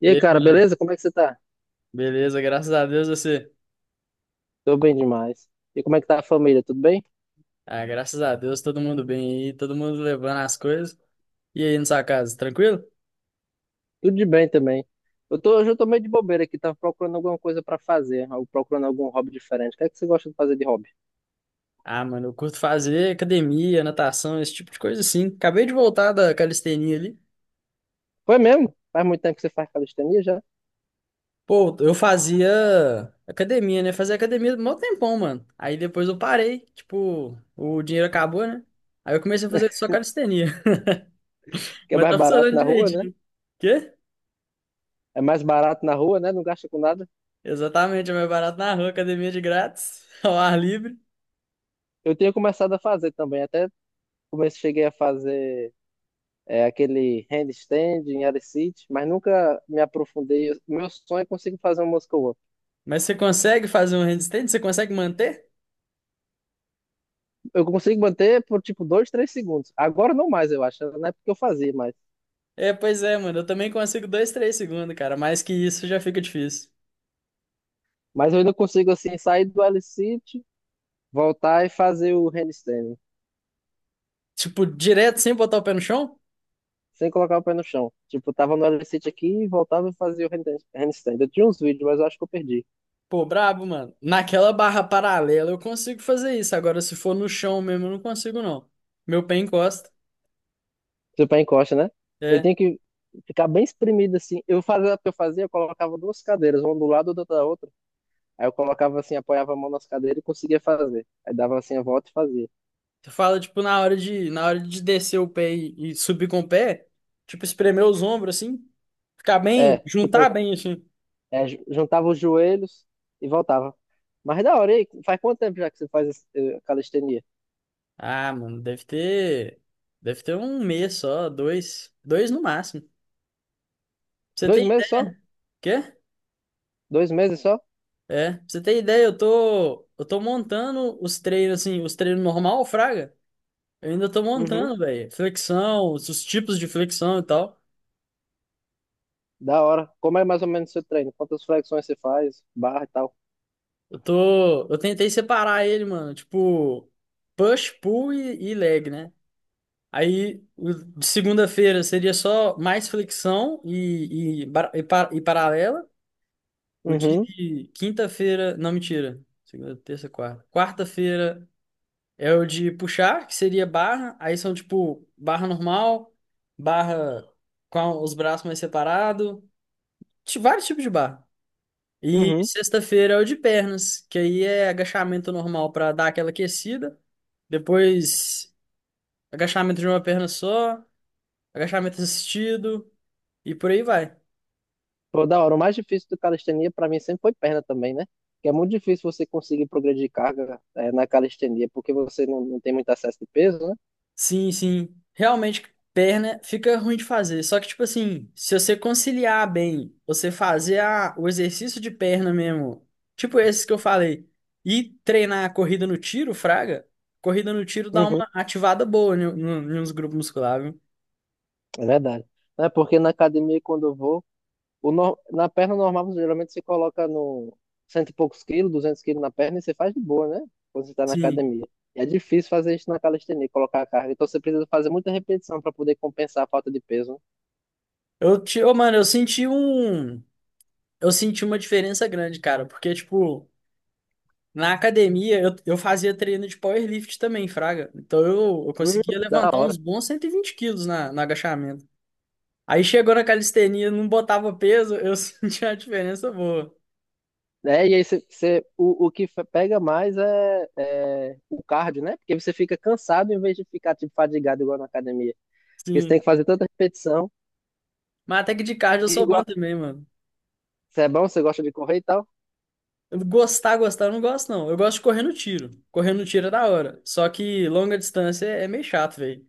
E E aí, aí, cara, mano? beleza? Como é que você tá? Beleza, graças a Deus você. Tô bem demais. E como é que tá a família? Tudo bem? Ah, graças a Deus, todo mundo bem aí, todo mundo levando as coisas. E aí, na sua casa, tranquilo? Tudo de bem também. Hoje eu tô meio de bobeira aqui, tava procurando alguma coisa pra fazer, ou procurando algum hobby diferente. O que é que você gosta de fazer de hobby? Ah, mano, eu curto fazer academia, natação, esse tipo de coisa assim. Acabei de voltar da calistenia ali. Foi mesmo? Faz muito tempo que você faz calistenia já, Pô, eu fazia academia, né? Fazia academia mó tempão, mano. Aí depois eu parei, tipo, o dinheiro acabou, né? Aí eu comecei a fazer só calistenia. que é Mas mais tá barato funcionando na rua, né? direitinho. Quê? É mais barato na rua, né? Não gasta com nada. Exatamente, é mais barato na rua, academia de grátis, ao ar livre. Eu tinha começado a fazer também, até comecei, cheguei a fazer aquele handstand em área sit, mas nunca me aprofundei. Meu sonho é conseguir fazer um muscle. Mas você consegue fazer um handstand? Você consegue manter? Eu consigo manter por tipo 2, 3 segundos. Agora não mais, eu acho. Na época eu fazia mais. É, pois é, mano. Eu também consigo dois, três segundos, cara. Mais que isso já fica difícil. Mas eu ainda consigo assim sair do L-sit, voltar e fazer o handstand, Tipo, direto sem botar o pé no chão? sem colocar o pé no chão. Tipo, eu tava no L-sit aqui, voltava e fazia o handstand. Eu tinha uns vídeos, mas eu acho que eu perdi. Pô, brabo, mano. Naquela barra paralela eu consigo fazer isso. Agora, se for no chão mesmo, eu não consigo, não. Meu pé encosta. Se o pé encosta, né? Eu É. tinha que ficar bem espremido assim. Eu fazia o que eu fazia, eu colocava duas cadeiras, uma do lado e outra da outra. Aí eu colocava assim, apoiava a mão nas cadeiras e conseguia fazer. Aí dava assim a volta e fazia. Você fala, tipo, na hora de descer o pé e subir com o pé, tipo, espremer os ombros assim, ficar É, bem, tipo, juntar bem assim. Juntava os joelhos e voltava. Mas é da hora, e aí, faz quanto tempo já que você faz calistenia? Ah, mano, deve ter. Deve ter um mês só, dois. Dois no máximo. Pra você Dois tem meses ideia? só? Quê? 2 meses só? É, pra você tem ideia, eu tô montando os treinos, assim, os treinos normal, fraga. Eu ainda tô Uhum. montando, velho. Flexão, os tipos de flexão e tal. Da hora. Como é mais ou menos o seu treino? Quantas flexões você faz? Barra e tal? Eu tentei separar ele, mano. Tipo, push, pull e leg, né? De segunda-feira seria só mais flexão e paralela. O dia Uhum. de quinta-feira, não, mentira. Segunda, terça, quarta. Quarta-feira é o de puxar, que seria barra. Aí são tipo barra normal, barra com os braços mais separados, vários tipos de barra. E Uhum. sexta-feira é o de pernas, que aí é agachamento normal para dar aquela aquecida. Depois, agachamento de uma perna só, agachamento assistido e por aí vai. Pô, da hora. O mais difícil do calistenia pra mim sempre foi perna também, né? Que é muito difícil você conseguir progredir carga na calistenia, porque você não tem muito acesso de peso, né? Sim, sim. Realmente, perna fica ruim de fazer. Só que, tipo assim, se você conciliar bem, você fazer o exercício de perna mesmo, tipo esses que eu falei, e treinar a corrida no tiro, fraga, corrida no tiro dá Uhum. uma ativada boa no, no, nos grupos musculares, viu? É verdade. É porque na academia, quando eu vou, O nor- na perna normal, você geralmente você coloca no cento e poucos quilos, 200 quilos na perna e você faz de boa, né? Quando você está na Sim. academia. E é difícil fazer isso na calistenia, colocar a carga. Então você precisa fazer muita repetição para poder compensar a falta de peso, né? Ô, mano, eu senti um. Eu senti uma diferença grande, cara, porque, tipo, na academia eu fazia treino de powerlift também, fraga. Então eu Hum, conseguia da levantar uns hora. bons 120 quilos no agachamento. Aí chegou na calistenia, não botava peso, eu sentia a diferença boa. É, e aí pega mais é o cardio, né? Porque você fica cansado em vez de ficar tipo, fadigado igual na academia. Porque você tem Sim. que fazer tanta repetição. Mas até que de cardio eu E, sou bom igual, também, mano. você é bom, você gosta de correr e tal. Eu gostar, gostar, eu não gosto, não. Eu gosto de correr no tiro. Correr no tiro é da hora. Só que longa distância é meio chato, velho.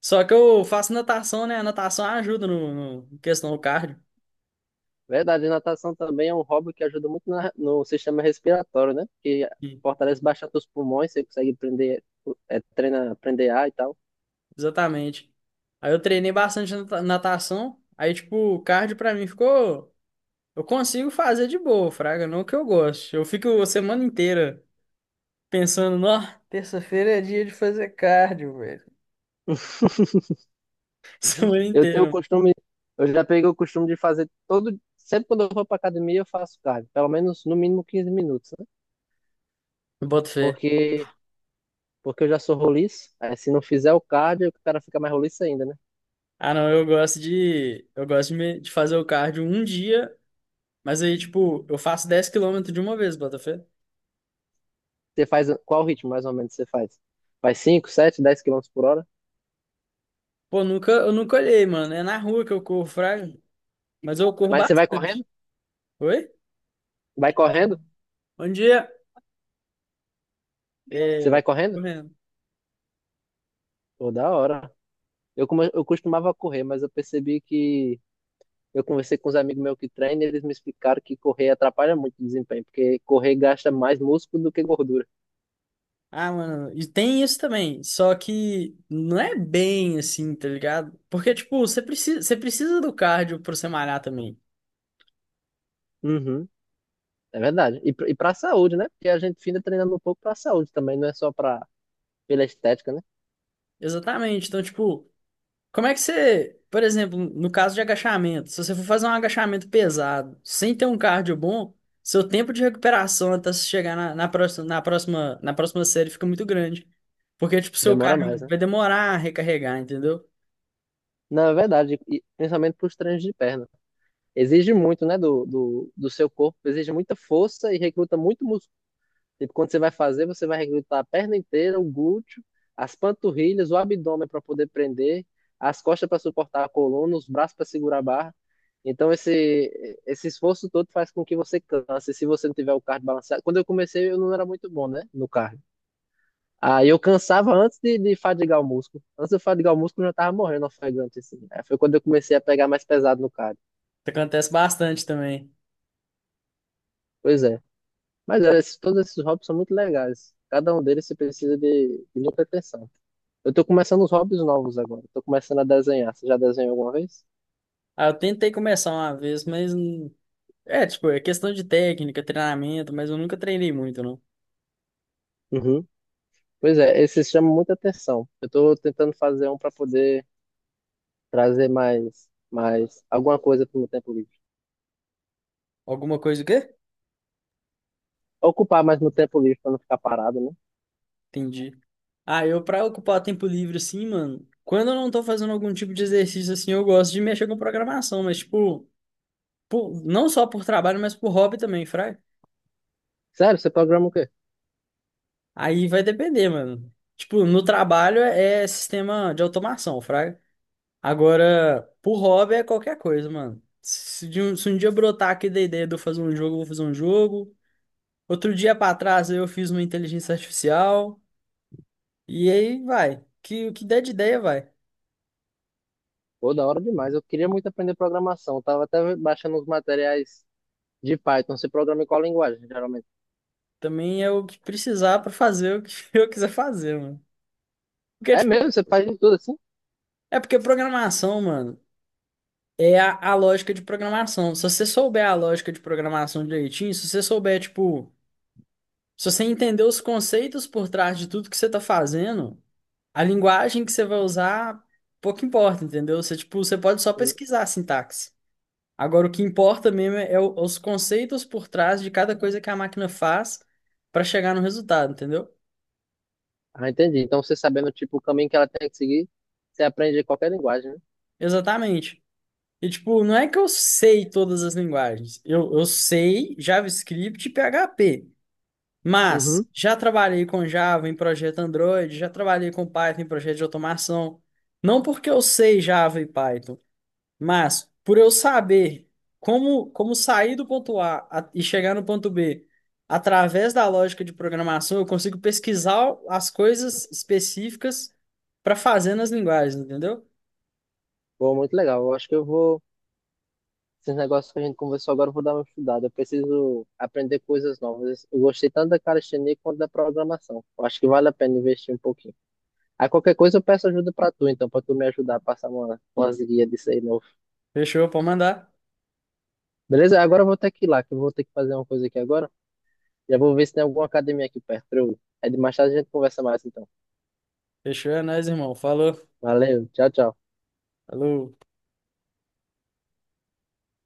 Só que eu faço natação, né? A natação ajuda no questão do cardio. Verdade, natação também é um hobby que ajuda muito no sistema respiratório, né? Porque Sim. fortalece bastante os pulmões, você consegue prender, é, treina, prender ar e tal. Exatamente. Aí eu treinei bastante natação. Aí, tipo, o cardio pra mim ficou. Eu consigo fazer de boa, fraga. Não que eu goste. Eu fico a semana inteira pensando, ó, terça-feira é dia de fazer cardio, velho. Semana Eu tenho o inteira. costume, eu já peguei o costume de fazer sempre quando eu vou pra academia eu faço cardio, pelo menos no mínimo 15 minutos, né? Eu boto fé. Porque, porque eu já sou roliço, aí se não fizer o cardio, o cara fica mais roliço ainda, né? Ah, não, Eu gosto de fazer o cardio um dia, mas aí, tipo, eu faço 10 km de uma vez, bota fé. Você faz, qual ritmo mais ou menos você faz? Faz 5, 7, 10 quilômetros por hora? Pô, nunca, eu nunca olhei, mano. É na rua que eu corro, fraco, mas eu corro Mas você vai bastante. correndo? Oi? Vai correndo? Bom dia. Você vai É, correndo? correndo. Pô, da hora. Eu costumava correr, mas eu percebi que eu conversei com os amigos meus que treinam e eles me explicaram que correr atrapalha muito o desempenho, porque correr gasta mais músculo do que gordura. Ah, mano, e tem isso também, só que não é bem assim, tá ligado? Porque, tipo, você precisa do cardio pra você malhar também. Uhum, é verdade. E, e para a saúde, né? Porque a gente fica treinando um pouco para a saúde também, não é só para pela estética, né? Exatamente. Então, tipo, como é que você, por exemplo, no caso de agachamento, se você for fazer um agachamento pesado, sem ter um cardio bom, seu tempo de recuperação até você chegar na próxima série fica muito grande. Porque, tipo, seu Demora cardio mais, né? vai demorar a recarregar, entendeu? Não, é verdade, e principalmente para os treinos de perna. Exige muito, né, do seu corpo, exige muita força e recruta muito. Tipo, quando você vai fazer, você vai recrutar a perna inteira, o glúteo, as panturrilhas, o abdômen para poder prender, as costas para suportar a coluna, os braços para segurar a barra. Então, esse esforço todo faz com que você canse. Se você não tiver o cardio balanceado. Quando eu comecei, eu não era muito bom, né? No cardio. Aí eu cansava antes de fadigar o músculo. Antes de eu fadigar o músculo, eu já tava morrendo ofegante, assim. Aí foi quando eu comecei a pegar mais pesado no cardio. Isso acontece bastante também. Pois é. Mas olha, todos esses hobbies são muito legais. Cada um deles você precisa de muita atenção. Eu tô começando os hobbies novos agora. Tô começando a desenhar. Você já desenhou alguma vez? Ah, eu tentei começar uma vez, é, tipo, é questão de técnica, treinamento, mas eu nunca treinei muito, não. Uhum. Pois é, esse chama muita atenção. Eu tô tentando fazer um para poder trazer mais alguma coisa pro meu tempo livre. Alguma coisa o quê? Ocupar mais meu tempo livre para não ficar parado, né? Entendi. Ah, eu pra ocupar tempo livre assim, mano, quando eu não tô fazendo algum tipo de exercício assim, eu gosto de mexer com programação, mas tipo, não só por trabalho, mas por hobby também, fraga. Sério, você programa o quê? Aí vai depender, mano. Tipo, no trabalho é sistema de automação, fraga. Agora, por hobby é qualquer coisa, mano. Se um dia brotar aqui da ideia de eu fazer um jogo, eu vou fazer um jogo. Outro dia pra trás eu fiz uma inteligência artificial. E aí vai. O que der de ideia vai. Pô, da hora demais. Eu queria muito aprender programação. Eu tava até baixando os materiais de Python. Você programa em qual linguagem, geralmente? Também é o que precisar pra fazer o que eu quiser fazer, mano. Porque, É tipo, mesmo? Você faz de tudo assim? Porque programação, mano, é a lógica de programação. Se você souber a lógica de programação direitinho, se você souber, tipo, se você entender os conceitos por trás de tudo que você tá fazendo, a linguagem que você vai usar, pouco importa, entendeu? Você, tipo, você pode só pesquisar a sintaxe. Agora, o que importa mesmo é os conceitos por trás de cada coisa que a máquina faz pra chegar no resultado, entendeu? Ah, entendi. Então, você sabendo, tipo, o caminho que ela tem que seguir, você aprende qualquer linguagem, né? Exatamente. E, tipo, não é que eu sei todas as linguagens. Eu sei JavaScript e PHP. Mas Uhum. já trabalhei com Java em projeto Android, já trabalhei com Python em projeto de automação. Não porque eu sei Java e Python, mas por eu saber como sair do ponto A e chegar no ponto B através da lógica de programação, eu consigo pesquisar as coisas específicas para fazer nas linguagens, entendeu? Pô, muito legal. Eu acho que eu vou. Esses negócios que a gente conversou agora, eu vou dar uma estudada. Eu preciso aprender coisas novas. Eu gostei tanto da calistenia quanto da programação. Eu acho que vale a pena investir um pouquinho. Aí qualquer coisa eu peço ajuda pra tu, então, pra tu me ajudar a passar umas guias disso aí novo. Fechou, pode mandar. Beleza? Agora eu vou ter que ir lá, que eu vou ter que fazer uma coisa aqui agora. Já vou ver se tem alguma academia aqui perto pra eu ir. É, de mais tarde a gente conversa mais, então. Fechou, é nóis, irmão. Falou. Valeu, tchau, tchau. Alô?